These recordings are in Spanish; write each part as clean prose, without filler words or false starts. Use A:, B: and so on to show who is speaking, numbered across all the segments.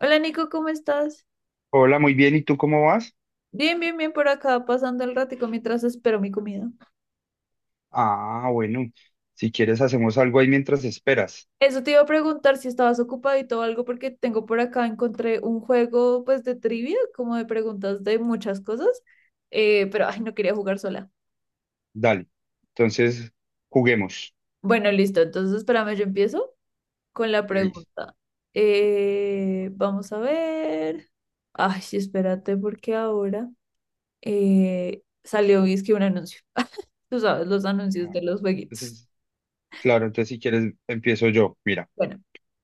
A: Hola Nico, ¿cómo estás?
B: Hola, muy bien. ¿Y tú cómo vas?
A: Bien, bien, bien por acá, pasando el ratico mientras espero mi comida.
B: Ah, bueno. Si quieres, hacemos algo ahí mientras esperas.
A: Eso te iba a preguntar si estabas ocupadito o algo, porque tengo por acá, encontré un juego pues de trivia, como de preguntas de muchas cosas, pero ay, no quería jugar sola.
B: Dale. Entonces, juguemos.
A: Bueno, listo, entonces espérame, yo empiezo con la
B: Listo.
A: pregunta. Vamos a ver. Ay, sí, espérate, porque ahora salió, es que un anuncio. Tú sabes, los anuncios
B: Ah,
A: de los jueguitos.
B: entonces, claro, entonces si quieres, empiezo yo. Mira,
A: Bueno,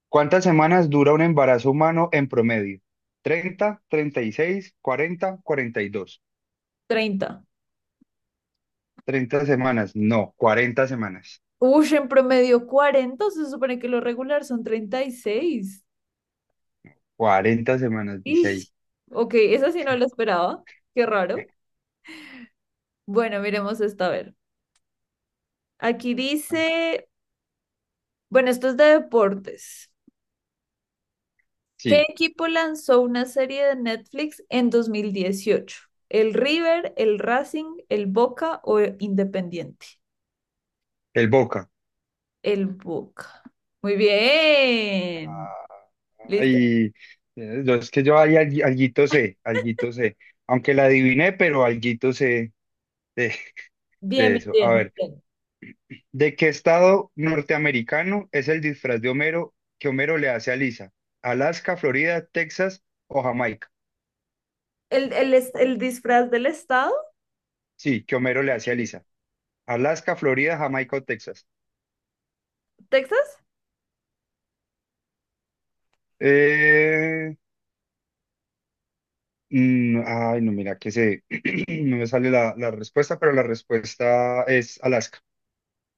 B: ¿cuántas semanas dura un embarazo humano en promedio? 30, 36, 40, 42
A: 30.
B: 30 semanas. No, 40 semanas.
A: Uy, en promedio 40, se supone que lo regular son 36.
B: 40 semanas, dice ahí.
A: Ish. Ok, esa sí no la esperaba. Qué raro. Bueno, miremos esta a ver. Aquí
B: Ah,
A: dice, bueno, esto es de deportes. ¿Qué
B: sí,
A: equipo lanzó una serie de Netflix en 2018? ¿El River, el Racing, el Boca o el Independiente?
B: el Boca.
A: El Boca. Muy bien.
B: Ah.
A: Listo.
B: Ay, es que yo ahí alguito sé, alguito sé. Aunque la adiviné, pero alguito sé de,
A: Bien,
B: de
A: bien,
B: eso. A
A: bien, muy
B: ver,
A: bien.
B: ¿de qué estado norteamericano es el disfraz de Homero que Homero le hace a Lisa? ¿Alaska, Florida, Texas o Jamaica?
A: ¿El disfraz del estado?
B: Sí, que Homero le hace a
A: Sí.
B: Lisa. ¿Alaska, Florida, Jamaica o Texas?
A: ¿Texas?
B: Eh, ay, no, mira, que se no me sale la respuesta, pero la respuesta es Alaska.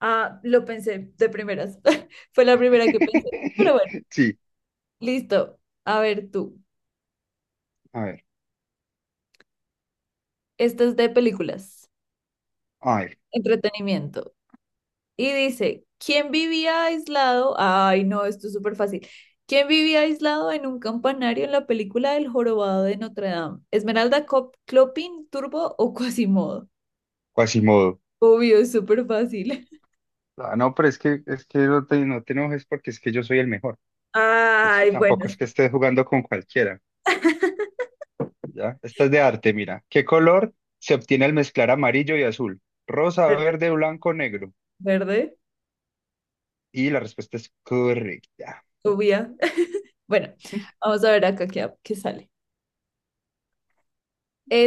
A: Ah, lo pensé de primeras. Fue la primera que pensé. Pero bueno,
B: Sí,
A: listo. A ver tú.
B: a ver.
A: Esto es de películas,
B: A ver.
A: entretenimiento. Y dice, ¿quién vivía aislado? Ay, no, esto es súper fácil. ¿Quién vivía aislado en un campanario en la película El jorobado de Notre Dame? ¿Esmeralda, Clopin, Turbo o Quasimodo?
B: Quasimodo.
A: Obvio, es súper fácil.
B: Ah, no, pero es que no te enojes porque es que yo soy el mejor. Entonces
A: Ay, bueno,
B: tampoco es que
A: sí.
B: estés jugando con cualquiera, ¿ya? Esta es de arte, mira. ¿Qué color se obtiene al mezclar amarillo y azul? Rosa, verde, blanco, negro.
A: Verde,
B: Y la respuesta es correcta.
A: obvia. Bueno, vamos a ver acá qué sale.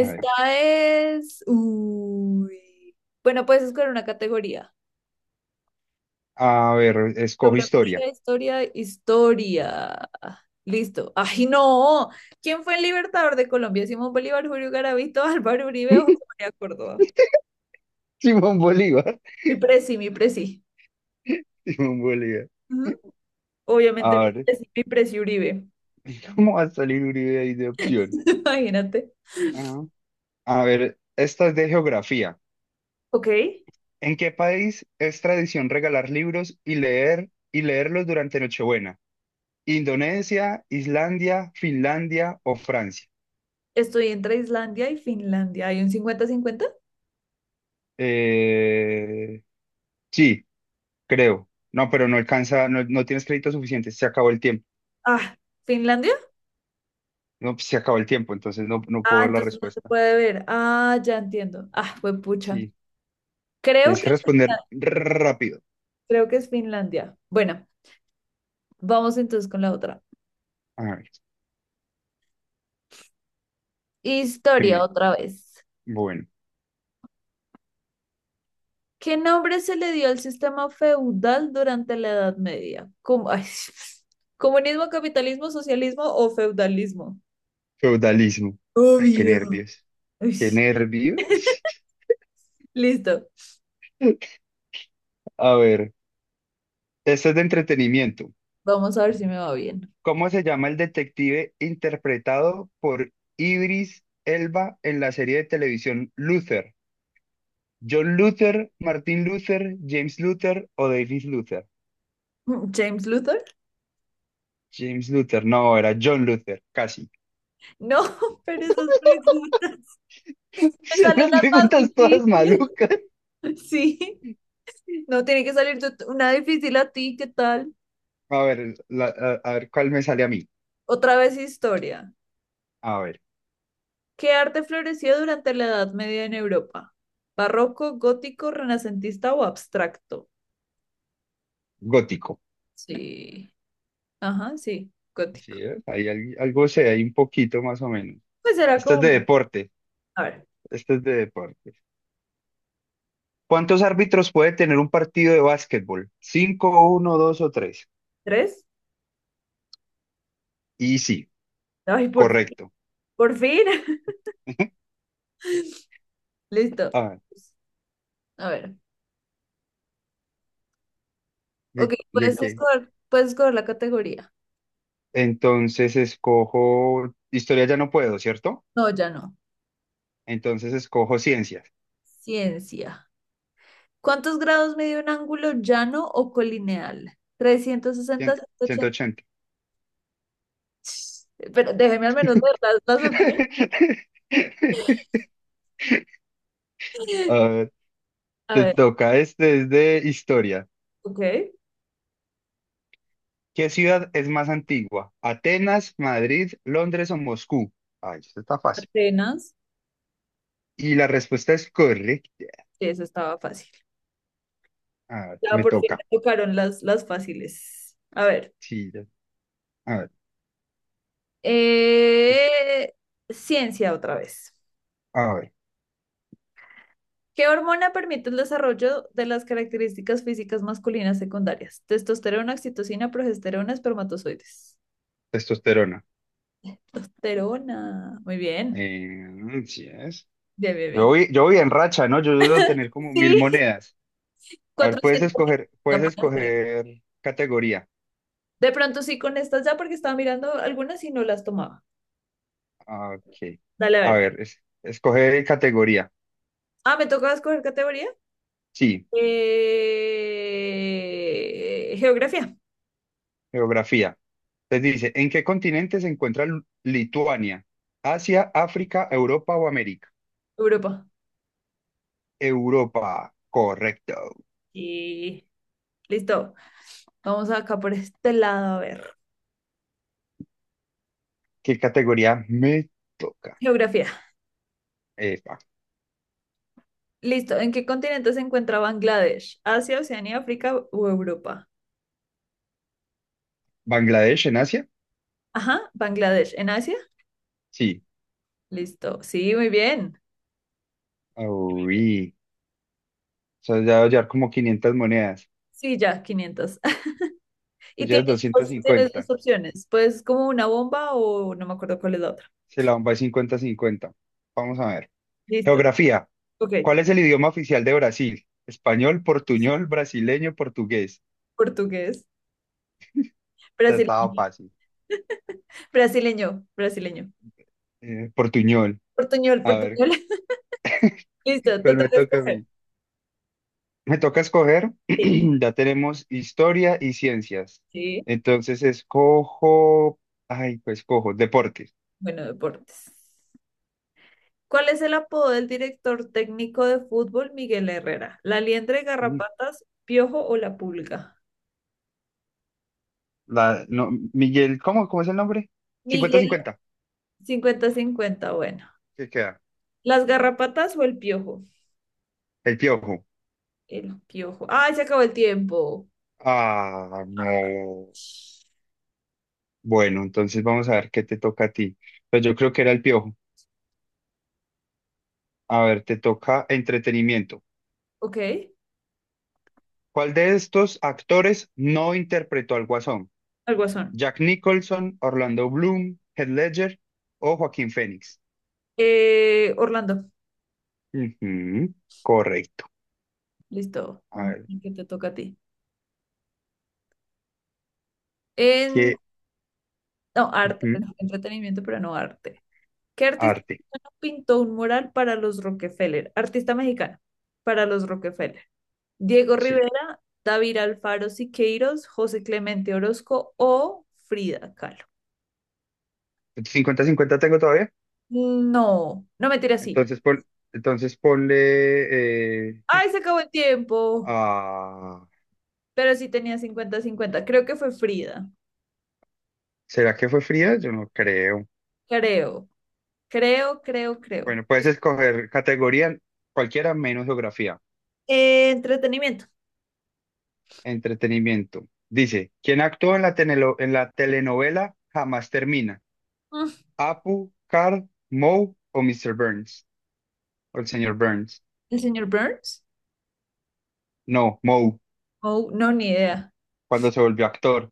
B: A ver,
A: es. Uy. Bueno, puedes escoger una categoría.
B: a ver, escojo historia.
A: Geografía, historia. Listo. ¡Ay, no! ¿Quién fue el libertador de Colombia? Simón Bolívar, Julio Garavito, Álvaro Uribe o José María Córdoba.
B: Simón Bolívar,
A: Mi presi, mi presi.
B: Simón Bolívar.
A: Ujú. Obviamente
B: A ver,
A: mi presi Uribe.
B: ¿cómo va a salir Uribe ahí de opción?
A: Imagínate.
B: Ah, a ver, esta es de geografía.
A: Ok.
B: ¿En qué país es tradición regalar libros y leer y leerlos durante Nochebuena? ¿Indonesia, Islandia, Finlandia o Francia?
A: Estoy entre Islandia y Finlandia. ¿Hay un 50 cincuenta?
B: Eh, sí, creo. No, pero no alcanza, no, no tienes crédito suficiente. Se acabó el tiempo.
A: Ah, ¿Finlandia?
B: No, pues, se acabó el tiempo, entonces no, no puedo
A: Ah,
B: ver la
A: entonces no se
B: respuesta.
A: puede ver. Ah, ya entiendo. Ah, fue pucha.
B: Sí,
A: Creo
B: tienes
A: que
B: que
A: es
B: responder
A: Finlandia.
B: rápido.
A: Creo que es Finlandia. Bueno, vamos entonces con la otra.
B: A ver, que
A: Historia
B: me.
A: otra vez.
B: Bueno,
A: ¿Qué nombre se le dio al sistema feudal durante la Edad Media? Ay, ¿comunismo, capitalismo, socialismo o feudalismo?
B: feudalismo. Ay, qué
A: Obvio.
B: nervios.
A: Uy,
B: Qué nervios.
A: listo.
B: A ver, esto es de entretenimiento.
A: Vamos a ver si me va bien.
B: ¿Cómo se llama el detective interpretado por Idris Elba en la serie de televisión Luther? ¿John Luther, Martin Luther, James Luther o David Luther?
A: ¿James Luther?
B: James Luther, no, era John Luther, casi.
A: No, pero esas preguntas me
B: ¿Se
A: salen
B: las
A: las más
B: preguntas todas
A: difíciles.
B: malucas.
A: Sí. No tiene que salir una difícil a ti, ¿qué tal?
B: A ver, a ver cuál me sale a mí.
A: Otra vez historia.
B: A ver,
A: ¿Qué arte floreció durante la Edad Media en Europa? ¿Barroco, gótico, renacentista o abstracto?
B: gótico.
A: Sí. Ajá, sí, gótico.
B: Sí, ¿ves? Algo se hay un poquito más o menos.
A: Pues era
B: Esto es de
A: como,
B: deporte.
A: a ver,
B: Esto es de deporte. ¿Cuántos árbitros puede tener un partido de básquetbol? ¿Cinco, uno, dos o tres?
A: tres.
B: Y sí,
A: Ay, por fin,
B: correcto.
A: por fin. Listo.
B: A ver,
A: A ver,
B: ¿de,
A: ok,
B: de
A: puedes
B: qué?
A: escoger, puedes escoger la categoría.
B: Entonces escojo, historia ya no puedo, ¿cierto?
A: No, ya no.
B: Entonces escojo ciencias.
A: Ciencia. ¿Cuántos grados mide un ángulo llano o colineal? 360,
B: Cien-
A: ciento
B: ciento
A: ochenta.
B: ochenta.
A: Pero déjeme al menos leer las opciones.
B: A ver,
A: A
B: te
A: ver,
B: toca, este es de historia.
A: ok.
B: ¿Qué ciudad es más antigua? ¿Atenas, Madrid, Londres o Moscú? Ay, esto está fácil.
A: Atenas,
B: Y la respuesta es correcta.
A: sí, eso estaba fácil.
B: A ver,
A: Ya
B: me
A: por fin
B: toca.
A: me tocaron las fáciles. A ver,
B: Sí, ya. A ver.
A: eh, ciencia otra vez.
B: A ver,
A: ¿Qué hormona permite el desarrollo de las características físicas masculinas secundarias? Testosterona, oxitocina, progesterona, espermatozoides.
B: testosterona.
A: Testosterona. Muy bien.
B: Sí es.
A: Bien, bien, bien.
B: Yo voy en racha, ¿no? Yo debo tener como mil
A: Sí.
B: monedas. A ver,
A: 400. No
B: puedes
A: puede ser.
B: escoger categoría.
A: De pronto sí con estas ya porque estaba mirando algunas y no las tomaba.
B: Ah, ok.
A: Dale, a
B: A
A: ver.
B: ver, escoger categoría.
A: Ah, me toca escoger categoría.
B: Sí,
A: Geografía,
B: geografía. Les dice, ¿en qué continente se encuentra Lituania? ¿Asia, África, Europa o América?
A: Europa.
B: Europa, correcto.
A: Y listo. Vamos acá por este lado a ver.
B: ¿Qué categoría me toca?
A: Geografía.
B: Epa.
A: Listo. ¿En qué continente se encuentra Bangladesh? ¿Asia, Oceanía, África o Europa?
B: ¿Bangladesh en Asia?
A: Ajá, Bangladesh. ¿En Asia?
B: Sí.
A: Listo. Sí, muy bien.
B: Uy. O sea, ya debe llevar como 500 monedas.
A: Sí, ya, 500.
B: Tú
A: Y
B: llevas
A: tienes
B: doscientas
A: dos, tienes dos
B: cincuenta
A: opciones. Pues como una bomba o no me acuerdo cuál es la otra.
B: Se la bomba es 50-50. Vamos a ver.
A: Listo.
B: Geografía.
A: Ok.
B: ¿Cuál es el idioma oficial de Brasil? Español, portuñol, brasileño, portugués.
A: Portugués.
B: Ya estaba
A: Brasileño.
B: fácil.
A: Brasileño. Brasileño.
B: Portuñol.
A: Portuñol,
B: A ver,
A: portuñol. Listo, te
B: ¿cuál me
A: toca
B: toca a
A: escoger.
B: mí? Me toca escoger.
A: Sí,
B: Ya tenemos historia y ciencias.
A: sí.
B: Entonces escojo. Ay, pues escojo. Deportes.
A: Bueno, deportes. ¿Cuál es el apodo del director técnico de fútbol Miguel Herrera? ¿La liendre,
B: Mm,
A: garrapatas, piojo o la pulga?
B: La, no, Miguel, ¿cómo, cómo es el nombre? cincuenta
A: Miguel,
B: cincuenta
A: 50-50, bueno.
B: ¿Qué queda?
A: ¿Las garrapatas o el piojo?
B: El piojo.
A: El piojo. ¡Ay, se acabó el tiempo!
B: Ah, no. Bueno, entonces vamos a ver qué te toca a ti. Pues yo creo que era el piojo. A ver, te toca entretenimiento.
A: Ok,
B: ¿Cuál de estos actores no interpretó al Guasón?
A: al guasón.
B: ¿Jack Nicholson, Orlando Bloom, Heath Ledger o Joaquín Phoenix?
A: Orlando,
B: Ujú, correcto.
A: listo.
B: A
A: Vamos,
B: ver,
A: que te toca a ti. En,
B: ¿qué?
A: no, arte,
B: Ujú,
A: entretenimiento, pero no arte. ¿Qué artista
B: arte.
A: mexicano pintó un mural para los Rockefeller? Artista mexicano, para los Rockefeller. Diego
B: Sí.
A: Rivera, David Alfaro Siqueiros, José Clemente Orozco o Frida Kahlo.
B: 50-50 tengo todavía.
A: No, no me tira así.
B: Entonces, pon- entonces ponle...
A: Ay, se acabó el tiempo.
B: ah,
A: Pero sí tenía 50-50, creo que fue Frida.
B: ¿será que fue fría? Yo no creo.
A: Creo, creo, creo, creo.
B: Bueno, puedes escoger categoría cualquiera menos geografía.
A: Entretenimiento.
B: Entretenimiento. Dice, ¿quién actuó en la, en la telenovela Jamás Termina?
A: Mm,
B: ¿Apu, Carl, Moe o Mr. Burns? O el señor Burns.
A: ¿El señor Burns?
B: No, Moe,
A: Oh, no, ni idea.
B: cuando se volvió actor.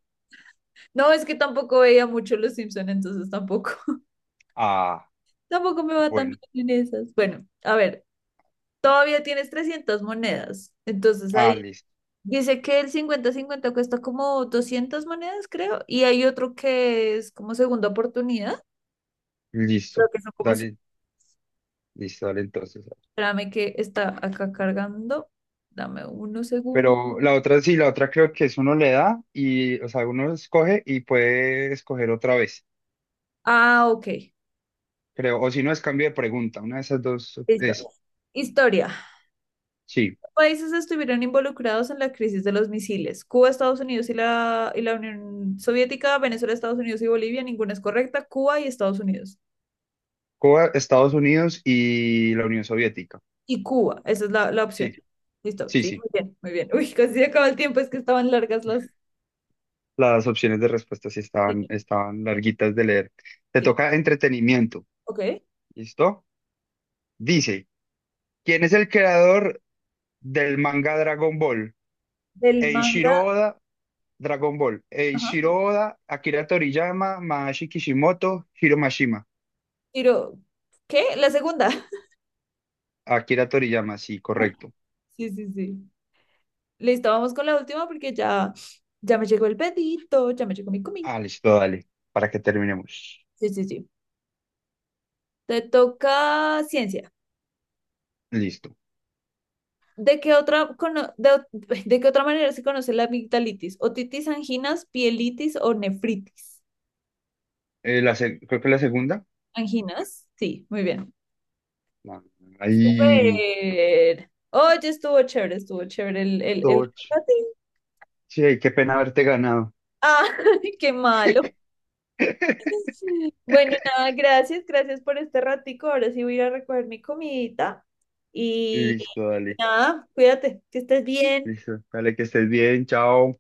A: No, es que tampoco veía mucho Los Simpson, entonces tampoco.
B: Ah,
A: Tampoco me va tan
B: bueno.
A: bien en esas. Bueno, a ver, todavía tienes 300 monedas. Entonces
B: Ah,
A: ahí
B: listo.
A: dice que el 50-50 cuesta como 200 monedas, creo. Y hay otro que es como segunda oportunidad. Creo
B: Listo.
A: que son como.
B: Dale, listo, dale entonces.
A: Espérame que está acá cargando. Dame unos segundos.
B: Pero la otra sí, la otra creo que es uno le da y, o sea, uno escoge y puede escoger otra vez.
A: Ah, ok.
B: Creo, o si no es cambio de pregunta, una de esas dos
A: Listo.
B: es.
A: Historia.
B: Sí,
A: Países estuvieron involucrados en la crisis de los misiles. Cuba, Estados Unidos y la Unión Soviética, Venezuela, Estados Unidos y Bolivia. Ninguna es correcta. Cuba y Estados Unidos.
B: Cuba, Estados Unidos y la Unión Soviética.
A: Y Cuba. Esa es la opción.
B: Sí,
A: Listo.
B: sí,
A: Sí,
B: sí.
A: muy bien, muy bien. Uy, casi se acaba el tiempo, es que estaban largas las.
B: Las opciones de respuesta sí estaban,
A: Sí,
B: estaban larguitas de leer. Te
A: sí.
B: toca entretenimiento.
A: Ok.
B: ¿Listo? Dice, ¿quién es el creador del manga Dragon Ball?
A: Del manga.
B: Eiichiro Oda, Dragon Ball. Eiichiro
A: Ajá.
B: Oda, Akira Toriyama, Masashi Kishimoto, Hiro Mashima.
A: Tiro. ¿Qué? La segunda.
B: Akira Toriyama, sí,
A: Ajá.
B: correcto.
A: Sí, sí, sí. Listo, vamos con la última porque ya me llegó el pedito, ya me llegó mi comida.
B: Ah, listo, dale, para que terminemos.
A: Sí, sí, sí. Te toca ciencia.
B: Listo.
A: ¿De qué otra, de qué otra manera se conoce la amigdalitis? ¿Otitis, anginas, pielitis o nefritis?
B: La creo que la segunda.
A: Anginas, sí, muy bien.
B: No, ahí,
A: Súper. Oye, estuvo chévere el
B: toch.
A: ratín.
B: Sí, qué pena haberte ganado.
A: Ah, qué malo. Bueno, nada, gracias, gracias por este ratico. Ahora sí voy a ir a recoger mi comidita. Y
B: Listo, dale.
A: nada, cuídate, que estés bien.
B: Listo. Dale, que estés bien. Chao.